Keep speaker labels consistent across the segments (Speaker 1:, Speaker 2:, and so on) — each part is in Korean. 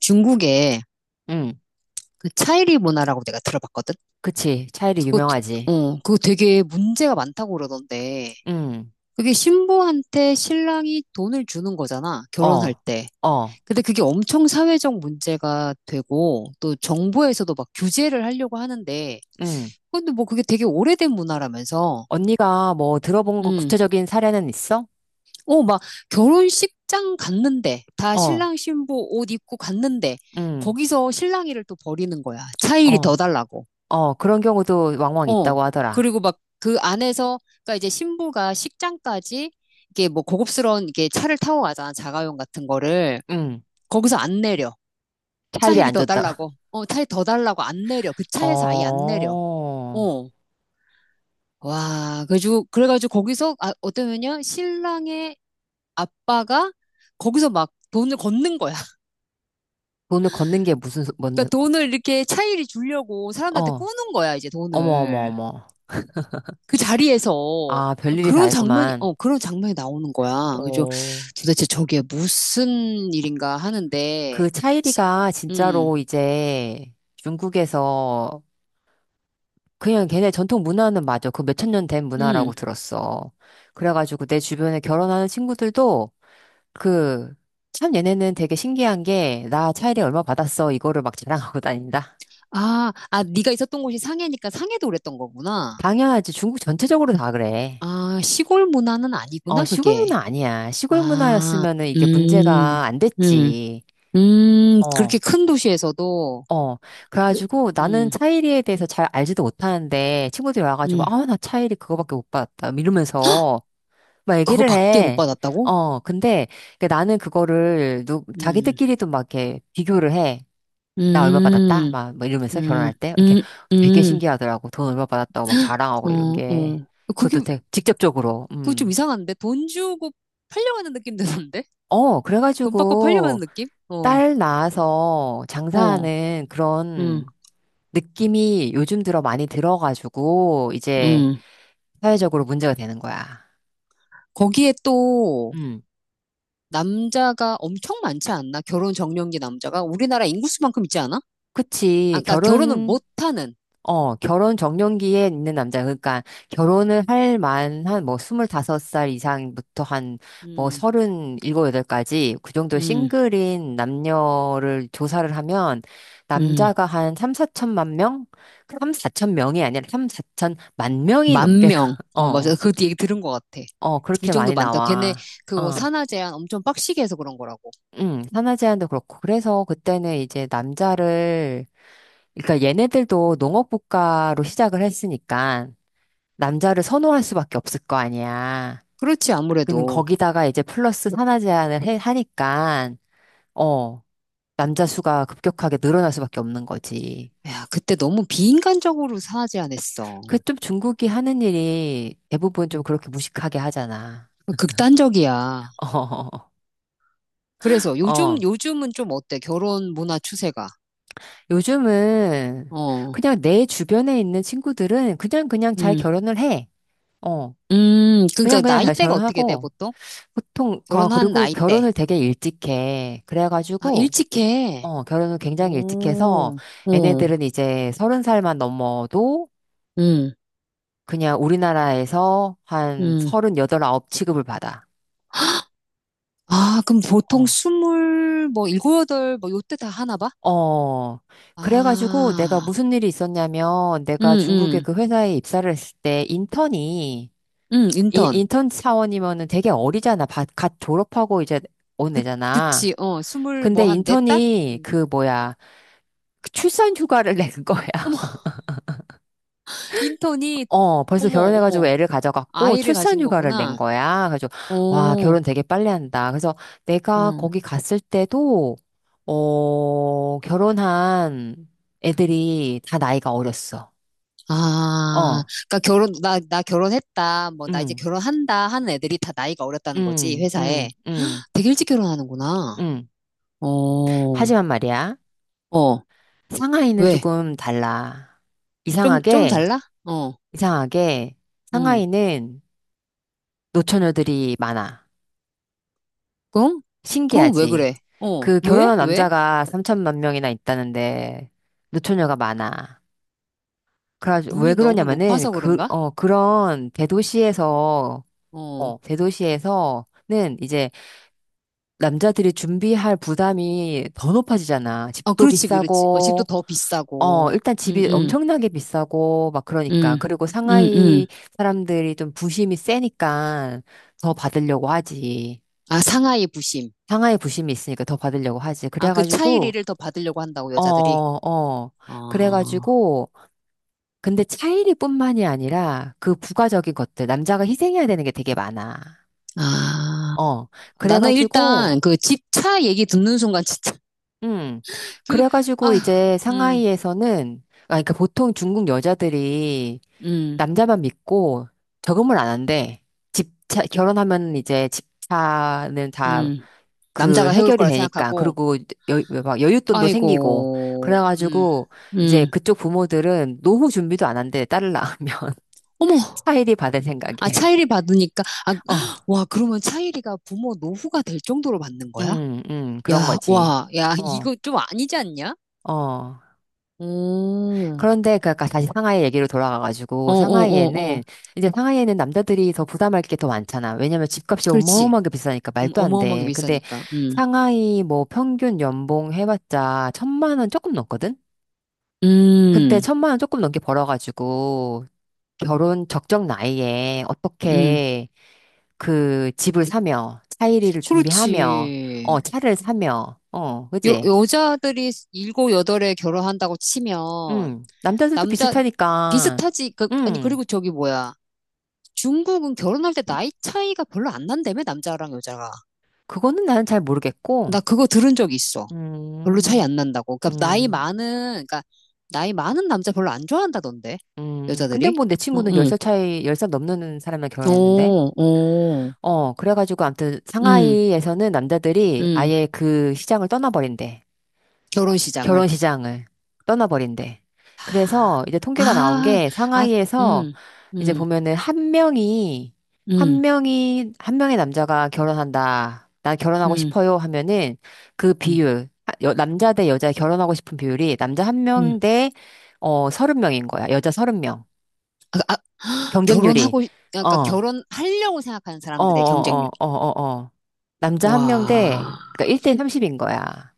Speaker 1: 중국에
Speaker 2: 응,
Speaker 1: 그 차이리 문화라고 내가 들어봤거든?
Speaker 2: 그치. 차일이
Speaker 1: 그거,
Speaker 2: 유명하지.
Speaker 1: 그거 되게 문제가 많다고 그러던데.
Speaker 2: 응,
Speaker 1: 그게 신부한테 신랑이 돈을 주는 거잖아, 결혼할
Speaker 2: 어,
Speaker 1: 때.
Speaker 2: 어,
Speaker 1: 근데 그게 엄청 사회적 문제가 되고, 또 정부에서도 막 규제를 하려고 하는데,
Speaker 2: 응.
Speaker 1: 근데 뭐 그게 되게 오래된 문화라면서,
Speaker 2: 언니가 뭐 들어본 거
Speaker 1: 음.
Speaker 2: 구체적인 사례는 있어?
Speaker 1: 막 결혼식장 갔는데, 다
Speaker 2: 어,
Speaker 1: 신랑 신부 옷 입고 갔는데,
Speaker 2: 응,
Speaker 1: 거기서 신랑이를 또 버리는 거야. 차일이 더
Speaker 2: 어,
Speaker 1: 달라고.
Speaker 2: 어, 그런 경우도 왕왕
Speaker 1: 어.
Speaker 2: 있다고 하더라.
Speaker 1: 그리고 막 그 안에서, 그러니까 이제 신부가 식장까지 이게 뭐 고급스러운 이게 차를 타고 가잖아. 자가용 같은 거를.
Speaker 2: 응,
Speaker 1: 거기서 안 내려.
Speaker 2: 차일이
Speaker 1: 차일이
Speaker 2: 안
Speaker 1: 더
Speaker 2: 줬다.
Speaker 1: 달라고. 차이 더 달라고 안 내려. 그 차에서 아예 안 내려.
Speaker 2: 어,
Speaker 1: 어. 와, 그래가지고 거기서, 아, 어떠면요? 신랑의 아빠가 거기서 막 돈을 걷는 거야.
Speaker 2: 돈을 걷는 게 무슨, 뭔,
Speaker 1: 그러니까 돈을 이렇게 차일이 주려고 사람들한테
Speaker 2: 어,
Speaker 1: 꾸는 거야, 이제
Speaker 2: 어머, 어머,
Speaker 1: 돈을.
Speaker 2: 어머.
Speaker 1: 그 자리에서
Speaker 2: 아, 별일이 다
Speaker 1: 그런 장면이,
Speaker 2: 했구만.
Speaker 1: 어, 그런 장면이 나오는 거야. 그래서
Speaker 2: 어,
Speaker 1: 도대체 저게 무슨 일인가 하는데,
Speaker 2: 그
Speaker 1: 시,
Speaker 2: 차일이가
Speaker 1: 음,
Speaker 2: 진짜로 이제 중국에서 그냥 걔네 전통 문화는 맞아. 그 몇천 년 된 문화라고
Speaker 1: 음.
Speaker 2: 들었어. 그래가지고 내 주변에 결혼하는 친구들도 그, 참 얘네는 되게 신기한 게, 나 차일이 얼마 받았어. 이거를 막 자랑하고 다닌다.
Speaker 1: 아, 아, 네가 있었던 곳이 상해니까 상해도 그랬던 거구나.
Speaker 2: 당연하지. 중국 전체적으로 다 그래.
Speaker 1: 아, 시골 문화는
Speaker 2: 어,
Speaker 1: 아니구나,
Speaker 2: 시골
Speaker 1: 그게.
Speaker 2: 문화 아니야. 시골
Speaker 1: 아,
Speaker 2: 문화였으면은 이게
Speaker 1: 음,
Speaker 2: 문제가 안
Speaker 1: 음,
Speaker 2: 됐지.
Speaker 1: 그렇게
Speaker 2: 어.
Speaker 1: 큰 도시에서도,
Speaker 2: 어,
Speaker 1: 느-
Speaker 2: 그래가지고 나는
Speaker 1: 음,
Speaker 2: 차일이에 대해서 잘 알지도 못하는데 친구들이 와가지고,
Speaker 1: 음,
Speaker 2: 아, 나 차일이 그거밖에 못 받았다. 이러면서 막 얘기를
Speaker 1: 그거밖에 못
Speaker 2: 해.
Speaker 1: 받았다고?
Speaker 2: 어, 근데 그 나는 그거를
Speaker 1: 음,
Speaker 2: 자기들끼리도 막 이렇게 비교를 해. 나 얼마 받았다?
Speaker 1: 음,
Speaker 2: 막, 뭐 이러면서
Speaker 1: 음,
Speaker 2: 결혼할 때. 이렇게
Speaker 1: 음,
Speaker 2: 되게
Speaker 1: 음.
Speaker 2: 신기하더라고. 돈 얼마 받았다고 막 자랑하고 이런
Speaker 1: 어,
Speaker 2: 게.
Speaker 1: 어.
Speaker 2: 그것도
Speaker 1: 그게,
Speaker 2: 되게 직접적으로.
Speaker 1: 그게 좀
Speaker 2: 음.
Speaker 1: 이상한데? 돈 주고 팔려가는 느낌 드는데?
Speaker 2: 어,
Speaker 1: 돈 받고
Speaker 2: 그래가지고
Speaker 1: 팔려가는 느낌? 어,
Speaker 2: 딸 낳아서
Speaker 1: 어,
Speaker 2: 장사하는
Speaker 1: 음,
Speaker 2: 그런 느낌이 요즘 들어 많이 들어가지고 이제
Speaker 1: 음.
Speaker 2: 사회적으로 문제가 되는 거야.
Speaker 1: 거기에 또,
Speaker 2: 음.
Speaker 1: 남자가 엄청 많지 않나? 결혼 적령기 남자가? 우리나라 인구수만큼 있지 않아? 아,
Speaker 2: 그치.
Speaker 1: 그러니까 결혼을 못하는,
Speaker 2: 결혼 적령기에 있는 남자. 그러니까 결혼을 할 만한 뭐 25살 이상부터 한 뭐
Speaker 1: 음,
Speaker 2: 37, 8까지 그 정도
Speaker 1: 음,
Speaker 2: 싱글인 남녀를 조사를 하면
Speaker 1: 음.
Speaker 2: 남자가 한 3, 4천만 명? 3, 4천 명이 아니라 3, 4천만 명이
Speaker 1: 만
Speaker 2: 넘게,
Speaker 1: 명. 어, 맞아.
Speaker 2: 어,
Speaker 1: 그 얘기 들은 것 같아.
Speaker 2: 어,
Speaker 1: 이
Speaker 2: 그렇게
Speaker 1: 정도
Speaker 2: 많이
Speaker 1: 많다. 걔네
Speaker 2: 나와.
Speaker 1: 그거
Speaker 2: 어,
Speaker 1: 산하 제한 엄청 빡시게 해서 그런 거라고.
Speaker 2: 응, 산하 제한도 그렇고. 그래서 그때는 이제 남자를, 그러니까 얘네들도 농업국가로 시작을 했으니까 남자를 선호할 수밖에 없을 거 아니야.
Speaker 1: 그렇지,
Speaker 2: 그는
Speaker 1: 아무래도.
Speaker 2: 거기다가 이제 플러스 하나 제한을 하니까, 어, 남자 수가 급격하게 늘어날 수밖에 없는 거지.
Speaker 1: 야, 그때 너무 비인간적으로 산하 제한했어.
Speaker 2: 그 좀 중국이 하는 일이 대부분 좀 그렇게 무식하게 하잖아.
Speaker 1: 극단적이야. 그래서
Speaker 2: 어,
Speaker 1: 요즘,
Speaker 2: 어.
Speaker 1: 요즘은 좀 어때? 결혼 문화 추세가.
Speaker 2: 요즘은
Speaker 1: 어.
Speaker 2: 그냥 내 주변에 있는 친구들은 그냥 그냥 잘
Speaker 1: 음,
Speaker 2: 결혼을 해. 어, 그냥
Speaker 1: 그러니까
Speaker 2: 그냥 잘
Speaker 1: 나이대가 어떻게 돼,
Speaker 2: 결혼하고.
Speaker 1: 보통?
Speaker 2: 보통,
Speaker 1: 결혼한
Speaker 2: 그리고
Speaker 1: 나이대.
Speaker 2: 결혼을 되게 일찍 해.
Speaker 1: 아,
Speaker 2: 그래가지고,
Speaker 1: 일찍 해.
Speaker 2: 어, 결혼을 굉장히 일찍 해서
Speaker 1: 오, 어,
Speaker 2: 얘네들은 이제 30살만 넘어도
Speaker 1: 음,
Speaker 2: 그냥 우리나라에서 한
Speaker 1: 음.
Speaker 2: 서른 여덟 아홉 취급을 받아.
Speaker 1: 아, 그럼 보통
Speaker 2: 어.
Speaker 1: 스물, 뭐, 일곱, 여덟, 뭐, 요때 다 하나 봐?
Speaker 2: 어, 그래가지고 내가
Speaker 1: 아,
Speaker 2: 무슨 일이 있었냐면
Speaker 1: 음,
Speaker 2: 내가 중국의
Speaker 1: 음,
Speaker 2: 그 회사에 입사를 했을 때
Speaker 1: 인턴.
Speaker 2: 인턴 사원이면은 되게 어리잖아. 갓 졸업하고 이제 온
Speaker 1: 그,
Speaker 2: 애잖아.
Speaker 1: 그치, 어, 스물, 뭐,
Speaker 2: 근데
Speaker 1: 한, 넷 땄?
Speaker 2: 인턴이
Speaker 1: 음.
Speaker 2: 그 뭐야, 그 출산 휴가를 낸 거야.
Speaker 1: 어머, 인턴이,
Speaker 2: 어, 벌써
Speaker 1: 어머,
Speaker 2: 결혼해가지고
Speaker 1: 어머,
Speaker 2: 애를 가져갔고
Speaker 1: 아이를
Speaker 2: 출산
Speaker 1: 가진
Speaker 2: 휴가를 낸
Speaker 1: 거구나.
Speaker 2: 거야. 그래서 와,
Speaker 1: 어,
Speaker 2: 결혼 되게 빨리 한다. 그래서 내가
Speaker 1: 응.
Speaker 2: 거기 갔을 때도 어, 결혼한 애들이 다 나이가 어렸어.
Speaker 1: 아,
Speaker 2: 어,
Speaker 1: 그러니까 나 결혼했다, 뭐, 나 이제
Speaker 2: 응,
Speaker 1: 결혼한다 하는 애들이 다 나이가 어렸다는 거지,
Speaker 2: 응,
Speaker 1: 회사에.
Speaker 2: 응, 응,
Speaker 1: 되게 일찍 결혼하는구나.
Speaker 2: 응.
Speaker 1: 어,
Speaker 2: 하지만 말이야,
Speaker 1: 어,
Speaker 2: 상하이는
Speaker 1: 왜?
Speaker 2: 조금 달라.
Speaker 1: 좀
Speaker 2: 이상하게,
Speaker 1: 달라? 어,
Speaker 2: 이상하게
Speaker 1: 응.
Speaker 2: 상하이는 노처녀들이 많아.
Speaker 1: 그럼? 그럼 왜
Speaker 2: 신기하지.
Speaker 1: 그래? 어,
Speaker 2: 그
Speaker 1: 왜?
Speaker 2: 결혼한
Speaker 1: 왜?
Speaker 2: 남자가 3천만 명이나 있다는데 노처녀가 많아. 그래가지고 왜
Speaker 1: 눈이 너무
Speaker 2: 그러냐면은
Speaker 1: 높아서 그런가? 어,
Speaker 2: 대도시에서는 이제 남자들이 준비할 부담이 더 높아지잖아.
Speaker 1: 아,
Speaker 2: 집도
Speaker 1: 그렇지, 그렇지. 어, 집도
Speaker 2: 비싸고
Speaker 1: 더 비싸고.
Speaker 2: 일단
Speaker 1: 응,
Speaker 2: 집이
Speaker 1: 응,
Speaker 2: 엄청나게 비싸고 막 그러니까.
Speaker 1: 응,
Speaker 2: 그리고
Speaker 1: 응,
Speaker 2: 상하이
Speaker 1: 응.
Speaker 2: 사람들이 좀 부심이 세니까 더 받으려고 하지.
Speaker 1: 아, 상하이 부심.
Speaker 2: 상하이 부심이 있으니까 더 받으려고 하지.
Speaker 1: 아, 그
Speaker 2: 그래가지고
Speaker 1: 차이리를 더 받으려고 한다고,
Speaker 2: 어,
Speaker 1: 여자들이.
Speaker 2: 어.
Speaker 1: 어,
Speaker 2: 그래가지고, 근데 차이리뿐만이 아니라 그 부가적인 것들, 남자가 희생해야 되는 게 되게 많아.
Speaker 1: 아.
Speaker 2: 어,
Speaker 1: 아, 나는 일단
Speaker 2: 그래가지고,
Speaker 1: 그 집 차 얘기 듣는 순간 진짜
Speaker 2: 음,
Speaker 1: 그
Speaker 2: 그래가지고
Speaker 1: 아,
Speaker 2: 이제
Speaker 1: 음,
Speaker 2: 상하이에서는, 아, 그러니까 보통 중국 여자들이
Speaker 1: 음,
Speaker 2: 남자만 믿고 저금을 안 한대. 집차, 결혼하면 이제 집차는 다
Speaker 1: 음.
Speaker 2: 그
Speaker 1: 남자가 해올
Speaker 2: 해결이
Speaker 1: 거라
Speaker 2: 되니까
Speaker 1: 생각하고
Speaker 2: 그리고 여, 막 여윳돈도 생기고
Speaker 1: 아이고. 음.
Speaker 2: 그래가지고 이제
Speaker 1: 음.
Speaker 2: 그쪽 부모들은 노후 준비도 안 한대 딸을 낳으면
Speaker 1: 어머.
Speaker 2: 차일이 받을 생각에
Speaker 1: 아, 차일이 받으니까 아,
Speaker 2: 어,
Speaker 1: 와, 그러면 차일이가 부모 노후가 될 정도로 받는 거야?
Speaker 2: 그런
Speaker 1: 야,
Speaker 2: 거지.
Speaker 1: 와. 야,
Speaker 2: 어,
Speaker 1: 이거 좀 아니지 않냐?
Speaker 2: 어.
Speaker 1: 오.
Speaker 2: 그런데 그 아까 다시 상하이 얘기로
Speaker 1: 어, 어,
Speaker 2: 돌아가가지고
Speaker 1: 어, 어.
Speaker 2: 상하이에는 남자들이 더 부담할 게 더 많잖아. 왜냐면 집값이
Speaker 1: 그렇지.
Speaker 2: 어마어마하게 비싸니까 말도 안
Speaker 1: 어마어마하게
Speaker 2: 돼. 근데
Speaker 1: 비싸니까. 음.
Speaker 2: 상하이 뭐 평균 연봉 해봤자 1,000만 원 조금 넘거든? 근데
Speaker 1: 음.
Speaker 2: 1,000만 원 조금 넘게 벌어가지고 결혼 적정 나이에
Speaker 1: 음.
Speaker 2: 어떻게 그 집을 사며 차일이를 준비하며
Speaker 1: 그렇지.
Speaker 2: 차를 사며 그지?
Speaker 1: 여자들이 일곱 여덟에 결혼한다고 치면
Speaker 2: 남자들도
Speaker 1: 남자
Speaker 2: 비슷하니까
Speaker 1: 비슷하지 그 아니
Speaker 2: 음
Speaker 1: 그리고 저기 뭐야 중국은 결혼할 때 나이 차이가 별로 안 난다며 남자랑 여자가
Speaker 2: 그거는 나는 잘
Speaker 1: 나
Speaker 2: 모르겠고
Speaker 1: 그거 들은 적 있어 별로 차이
Speaker 2: 음
Speaker 1: 안 난다고 그러니까 나이
Speaker 2: 음,
Speaker 1: 많은 그러니까 나이 많은 남자 별로 안 좋아한다던데
Speaker 2: 근데
Speaker 1: 여자들이
Speaker 2: 뭐 내
Speaker 1: 응,
Speaker 2: 친구는 열
Speaker 1: 응.
Speaker 2: 살 차이 10살 넘는 사람이랑 결혼했는데
Speaker 1: 오, 오,
Speaker 2: 어 그래가지고 아무튼
Speaker 1: 응,
Speaker 2: 상하이에서는 남자들이
Speaker 1: 응.
Speaker 2: 아예 그 시장을 떠나버린대
Speaker 1: 결혼 시장을
Speaker 2: 결혼 시장을 떠나버린대. 그래서 이제
Speaker 1: 아,
Speaker 2: 통계가 나온 게
Speaker 1: 아, 아,
Speaker 2: 상하이에서
Speaker 1: 음,
Speaker 2: 이제
Speaker 1: 음,
Speaker 2: 보면은
Speaker 1: 음,
Speaker 2: 한 명의 남자가 결혼한다. 나 결혼하고
Speaker 1: 음,
Speaker 2: 싶어요 하면은 그
Speaker 1: 음,
Speaker 2: 비율, 아, 남자 대 여자 결혼하고 싶은 비율이 남자 한
Speaker 1: 음.
Speaker 2: 명 대, 30명인 거야. 여자 30명.
Speaker 1: 아,
Speaker 2: 경쟁률이. 어,
Speaker 1: 그러니까
Speaker 2: 어,
Speaker 1: 결혼하려고 생각하는
Speaker 2: 어,
Speaker 1: 사람들의 경쟁률.
Speaker 2: 어, 어, 어, 어. 남자 한 명 대,
Speaker 1: 와.
Speaker 2: 그러니까 1대 30인 거야.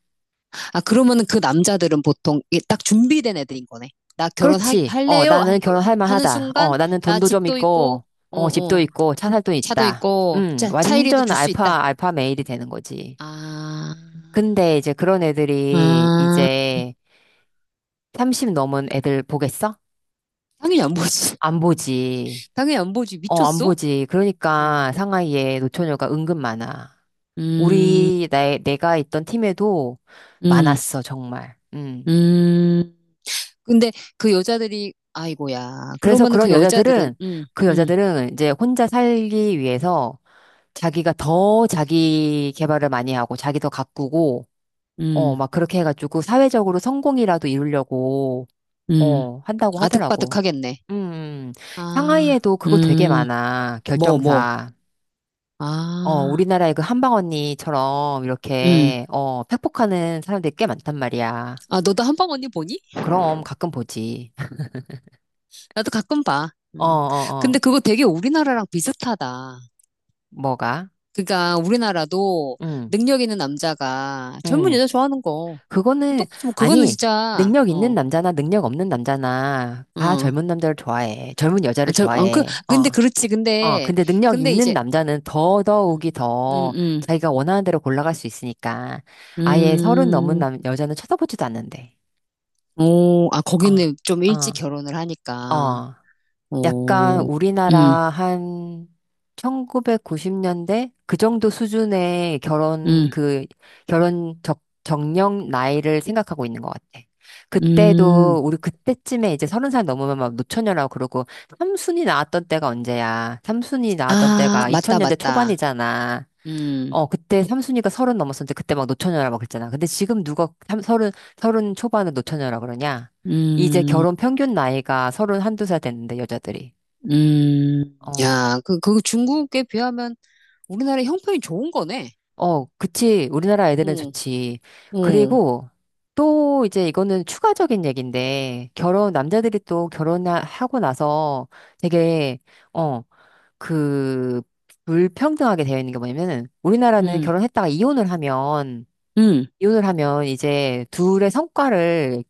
Speaker 1: 아, 그러면은 그 남자들은 보통 이게 딱 준비된 애들인 거네. 나
Speaker 2: 그렇지. 어,
Speaker 1: 결혼할래요?
Speaker 2: 나는
Speaker 1: 하니까,
Speaker 2: 결혼할
Speaker 1: 하는
Speaker 2: 만하다.
Speaker 1: 순간,
Speaker 2: 어, 나는
Speaker 1: 나
Speaker 2: 돈도 좀
Speaker 1: 집도 있고,
Speaker 2: 있고,
Speaker 1: 어,
Speaker 2: 어, 집도
Speaker 1: 어,
Speaker 2: 있고, 차 살 돈
Speaker 1: 차도
Speaker 2: 있다.
Speaker 1: 있고, 차이리도
Speaker 2: 완전
Speaker 1: 줄 수 있다.
Speaker 2: 알파 메일이 되는 거지.
Speaker 1: 아,
Speaker 2: 근데 이제 그런 애들이
Speaker 1: 아,
Speaker 2: 이제 30 넘은 애들 보겠어?
Speaker 1: 당연히 안 보지.
Speaker 2: 안 보지.
Speaker 1: 당연히 안 보지.
Speaker 2: 어, 안
Speaker 1: 미쳤어?
Speaker 2: 보지.
Speaker 1: 응.
Speaker 2: 그러니까 상하이에 노처녀가 은근 많아.
Speaker 1: 음,
Speaker 2: 내가 있던 팀에도
Speaker 1: 음,
Speaker 2: 많았어, 정말. 음.
Speaker 1: 음. 근데 그 여자들이, 아이고야.
Speaker 2: 그래서
Speaker 1: 그러면은 그 여자들은,
Speaker 2: 그 여자들은 이제 혼자 살기 위해서 자기가 더 자기 개발을 많이 하고 자기도 가꾸고
Speaker 1: 음.
Speaker 2: 막 그렇게 해가지고 사회적으로 성공이라도 이루려고
Speaker 1: 음,
Speaker 2: 한다고 하더라고.
Speaker 1: 아득바득하겠네.
Speaker 2: 음. 음.
Speaker 1: 아,
Speaker 2: 상하이에도 그거 되게
Speaker 1: 음,
Speaker 2: 많아.
Speaker 1: 뭐, 뭐.
Speaker 2: 결정사. 어,
Speaker 1: 아,
Speaker 2: 우리나라의 그 한방 언니처럼
Speaker 1: 음.
Speaker 2: 이렇게 팩폭하는 사람들이 꽤 많단 말이야.
Speaker 1: 아, 너도 한방 언니 보니?
Speaker 2: 그럼 가끔 보지.
Speaker 1: 나도 가끔 봐.
Speaker 2: 어,
Speaker 1: 음.
Speaker 2: 어, 어.
Speaker 1: 근데 그거 되게 우리나라랑 비슷하다.
Speaker 2: 뭐가?
Speaker 1: 그러니까 우리나라도
Speaker 2: 응.
Speaker 1: 능력 있는 남자가 젊은
Speaker 2: 응.
Speaker 1: 여자 좋아하는 거.
Speaker 2: 그거는,
Speaker 1: 똑같이 뭐 그거는
Speaker 2: 아니,
Speaker 1: 진짜,
Speaker 2: 능력 있는
Speaker 1: 어,
Speaker 2: 남자나 능력 없는 남자나 다
Speaker 1: 어.
Speaker 2: 젊은 남자를 좋아해. 젊은
Speaker 1: 아,
Speaker 2: 여자를 좋아해. 어,
Speaker 1: 근데 그렇지.
Speaker 2: 어.
Speaker 1: 근데,
Speaker 2: 근데 능력
Speaker 1: 근데
Speaker 2: 있는
Speaker 1: 이제,
Speaker 2: 남자는
Speaker 1: 음,
Speaker 2: 더더욱이
Speaker 1: 음,
Speaker 2: 더
Speaker 1: 음.
Speaker 2: 자기가 원하는 대로 골라갈 수 있으니까 아예 서른 넘은
Speaker 1: 음.
Speaker 2: 여자는 쳐다보지도 않는데.
Speaker 1: 오, 아,
Speaker 2: 어,
Speaker 1: 거기는 좀 일찍
Speaker 2: 어,
Speaker 1: 결혼을 하니까.
Speaker 2: 어. 약간
Speaker 1: 오.
Speaker 2: 우리나라
Speaker 1: 음.
Speaker 2: 한 1990년대 그 정도 수준의
Speaker 1: 음,
Speaker 2: 결혼 적 정령 나이를 생각하고 있는 것 같아.
Speaker 1: 음.
Speaker 2: 그때도 우리 그때쯤에 이제 30살 넘으면 막 노처녀라고 그러고 삼순이 나왔던 때가 언제야? 삼순이 나왔던
Speaker 1: 아,
Speaker 2: 때가
Speaker 1: 맞다,
Speaker 2: 2000년대
Speaker 1: 맞다.
Speaker 2: 초반이잖아.
Speaker 1: 음,
Speaker 2: 어 그때 삼순이가 서른 넘었었는데 그때 막 노처녀라 막 그랬잖아. 근데 지금 누가 서른 초반에 노처녀라 그러냐? 이제
Speaker 1: 음,
Speaker 2: 결혼 평균 나이가 서른 한두 살 됐는데 여자들이. 어,
Speaker 1: 야, 그 중국에 비하면 우리나라 형편이 좋은 거네.
Speaker 2: 어, 그치. 우리나라 애들은
Speaker 1: 어,
Speaker 2: 좋지.
Speaker 1: 어,
Speaker 2: 그리고 또 이제 이거는 추가적인 얘기인데, 남자들이 또 결혼하고 나서 되게, 어, 그, 불평등하게 되어 있는 게 뭐냐면은, 우리나라는
Speaker 1: 음,
Speaker 2: 결혼했다가 이혼을 하면,
Speaker 1: 음,
Speaker 2: 이혼을 하면 이제 둘의 성과를,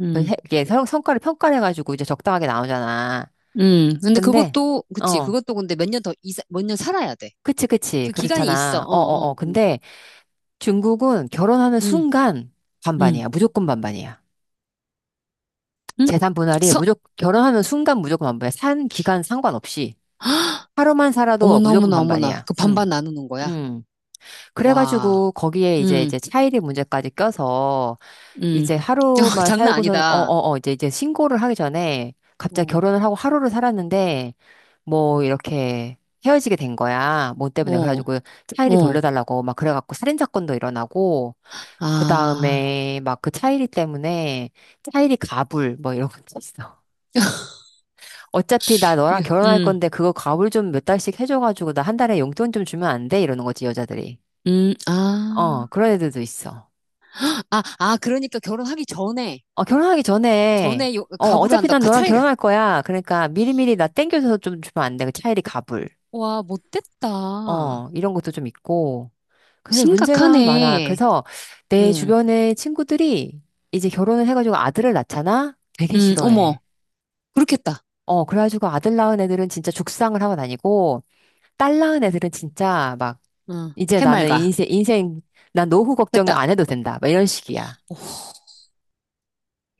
Speaker 1: 음,
Speaker 2: 이게 성과를 평가를 해가지고 이제 적당하게 나오잖아.
Speaker 1: 근데
Speaker 2: 근데,
Speaker 1: 그것도, 그치,
Speaker 2: 어,
Speaker 1: 그것도 근데 몇 년 더, 몇 년 살아야 돼.
Speaker 2: 그치, 그치.
Speaker 1: 그 기간이 있어, 어,
Speaker 2: 그렇잖아. 어, 어,
Speaker 1: 어,
Speaker 2: 어.
Speaker 1: 어.
Speaker 2: 근데, 중국은 결혼하는
Speaker 1: 음,
Speaker 2: 순간
Speaker 1: 음,
Speaker 2: 반반이야. 무조건 반반이야.
Speaker 1: 음.
Speaker 2: 재산 분할이
Speaker 1: 서,
Speaker 2: 무조건 결혼하는 순간 무조건 반반이야. 산 기간 상관없이 하루만 살아도
Speaker 1: 어머나,
Speaker 2: 무조건
Speaker 1: 어머나, 어머나.
Speaker 2: 반반이야.
Speaker 1: 그
Speaker 2: 음.
Speaker 1: 반반 나누는 거야.
Speaker 2: 음.
Speaker 1: 와,
Speaker 2: 그래가지고 거기에 이제
Speaker 1: 음,
Speaker 2: 이제 차일이 문제까지 껴서
Speaker 1: 음.
Speaker 2: 이제 하루만
Speaker 1: 장난
Speaker 2: 살고서는 어
Speaker 1: 아니다.
Speaker 2: 어 어 이제 이제 신고를 하기 전에 갑자기
Speaker 1: 어,
Speaker 2: 결혼을 하고 하루를 살았는데 뭐 이렇게 헤어지게 된 거야. 뭐 때문에
Speaker 1: 어,
Speaker 2: 그래가지고 차일이
Speaker 1: 어.
Speaker 2: 돌려달라고 막 그래갖고 살인 사건도 일어나고 그
Speaker 1: 아.
Speaker 2: 다음에 막 그 차이리 때문에 차이리 가불 뭐 이런 것도 있어. 어차피 나
Speaker 1: 예,
Speaker 2: 너랑 결혼할 건데 그거 가불 좀 몇 달씩 해줘가지고 나 한 달에 용돈 좀 주면 안 돼? 이러는 거지 여자들이. 어
Speaker 1: 아,
Speaker 2: 그런 애들도 있어.
Speaker 1: 아, 아, 그러니까 결혼하기 전에,
Speaker 2: 어 결혼하기 전에
Speaker 1: 전에 요, 가부를
Speaker 2: 어차피
Speaker 1: 한다.
Speaker 2: 난
Speaker 1: 그
Speaker 2: 너랑
Speaker 1: 차이가,
Speaker 2: 결혼할 거야. 그러니까 미리미리 나 땡겨줘서 좀 주면 안 돼? 그 차이리 가불.
Speaker 1: 와, 못됐다.
Speaker 2: 어 이런 것도 좀 있고. 그래서 문제가 많아.
Speaker 1: 심각하네.
Speaker 2: 그래서 내
Speaker 1: 응,
Speaker 2: 주변의 친구들이 이제 결혼을 해가지고 아들을 낳잖아? 되게
Speaker 1: 응, 어머,
Speaker 2: 싫어해.
Speaker 1: 그렇겠다.
Speaker 2: 어, 그래가지고 아들 낳은 애들은 진짜 죽상을 하고 다니고, 딸 낳은 애들은 진짜 막,
Speaker 1: 응,
Speaker 2: 이제
Speaker 1: 해맑아.
Speaker 2: 난 노후 걱정을
Speaker 1: 됐다.
Speaker 2: 안 해도 된다. 막 이런 식이야.
Speaker 1: 오,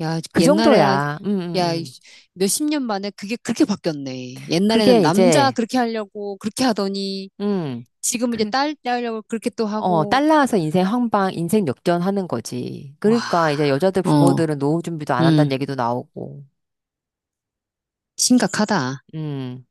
Speaker 1: 야,
Speaker 2: 그
Speaker 1: 옛날에,
Speaker 2: 정도야.
Speaker 1: 야, 이 몇십 년 만에 그게 그렇게 바뀌었네. 옛날에는
Speaker 2: 그게
Speaker 1: 남자
Speaker 2: 이제,
Speaker 1: 그렇게 하려고, 그렇게 하더니,
Speaker 2: 음,
Speaker 1: 지금은 이제
Speaker 2: 그,
Speaker 1: 딸, 딸 하려고 그렇게 또 하고,
Speaker 2: 딸 낳아서 인생 인생 역전하는 거지.
Speaker 1: 와,
Speaker 2: 그러니까 이제 여자들
Speaker 1: 어,
Speaker 2: 부모들은 노후 준비도 안 한다는
Speaker 1: 응,
Speaker 2: 얘기도 나오고,
Speaker 1: 심각하다.
Speaker 2: 음.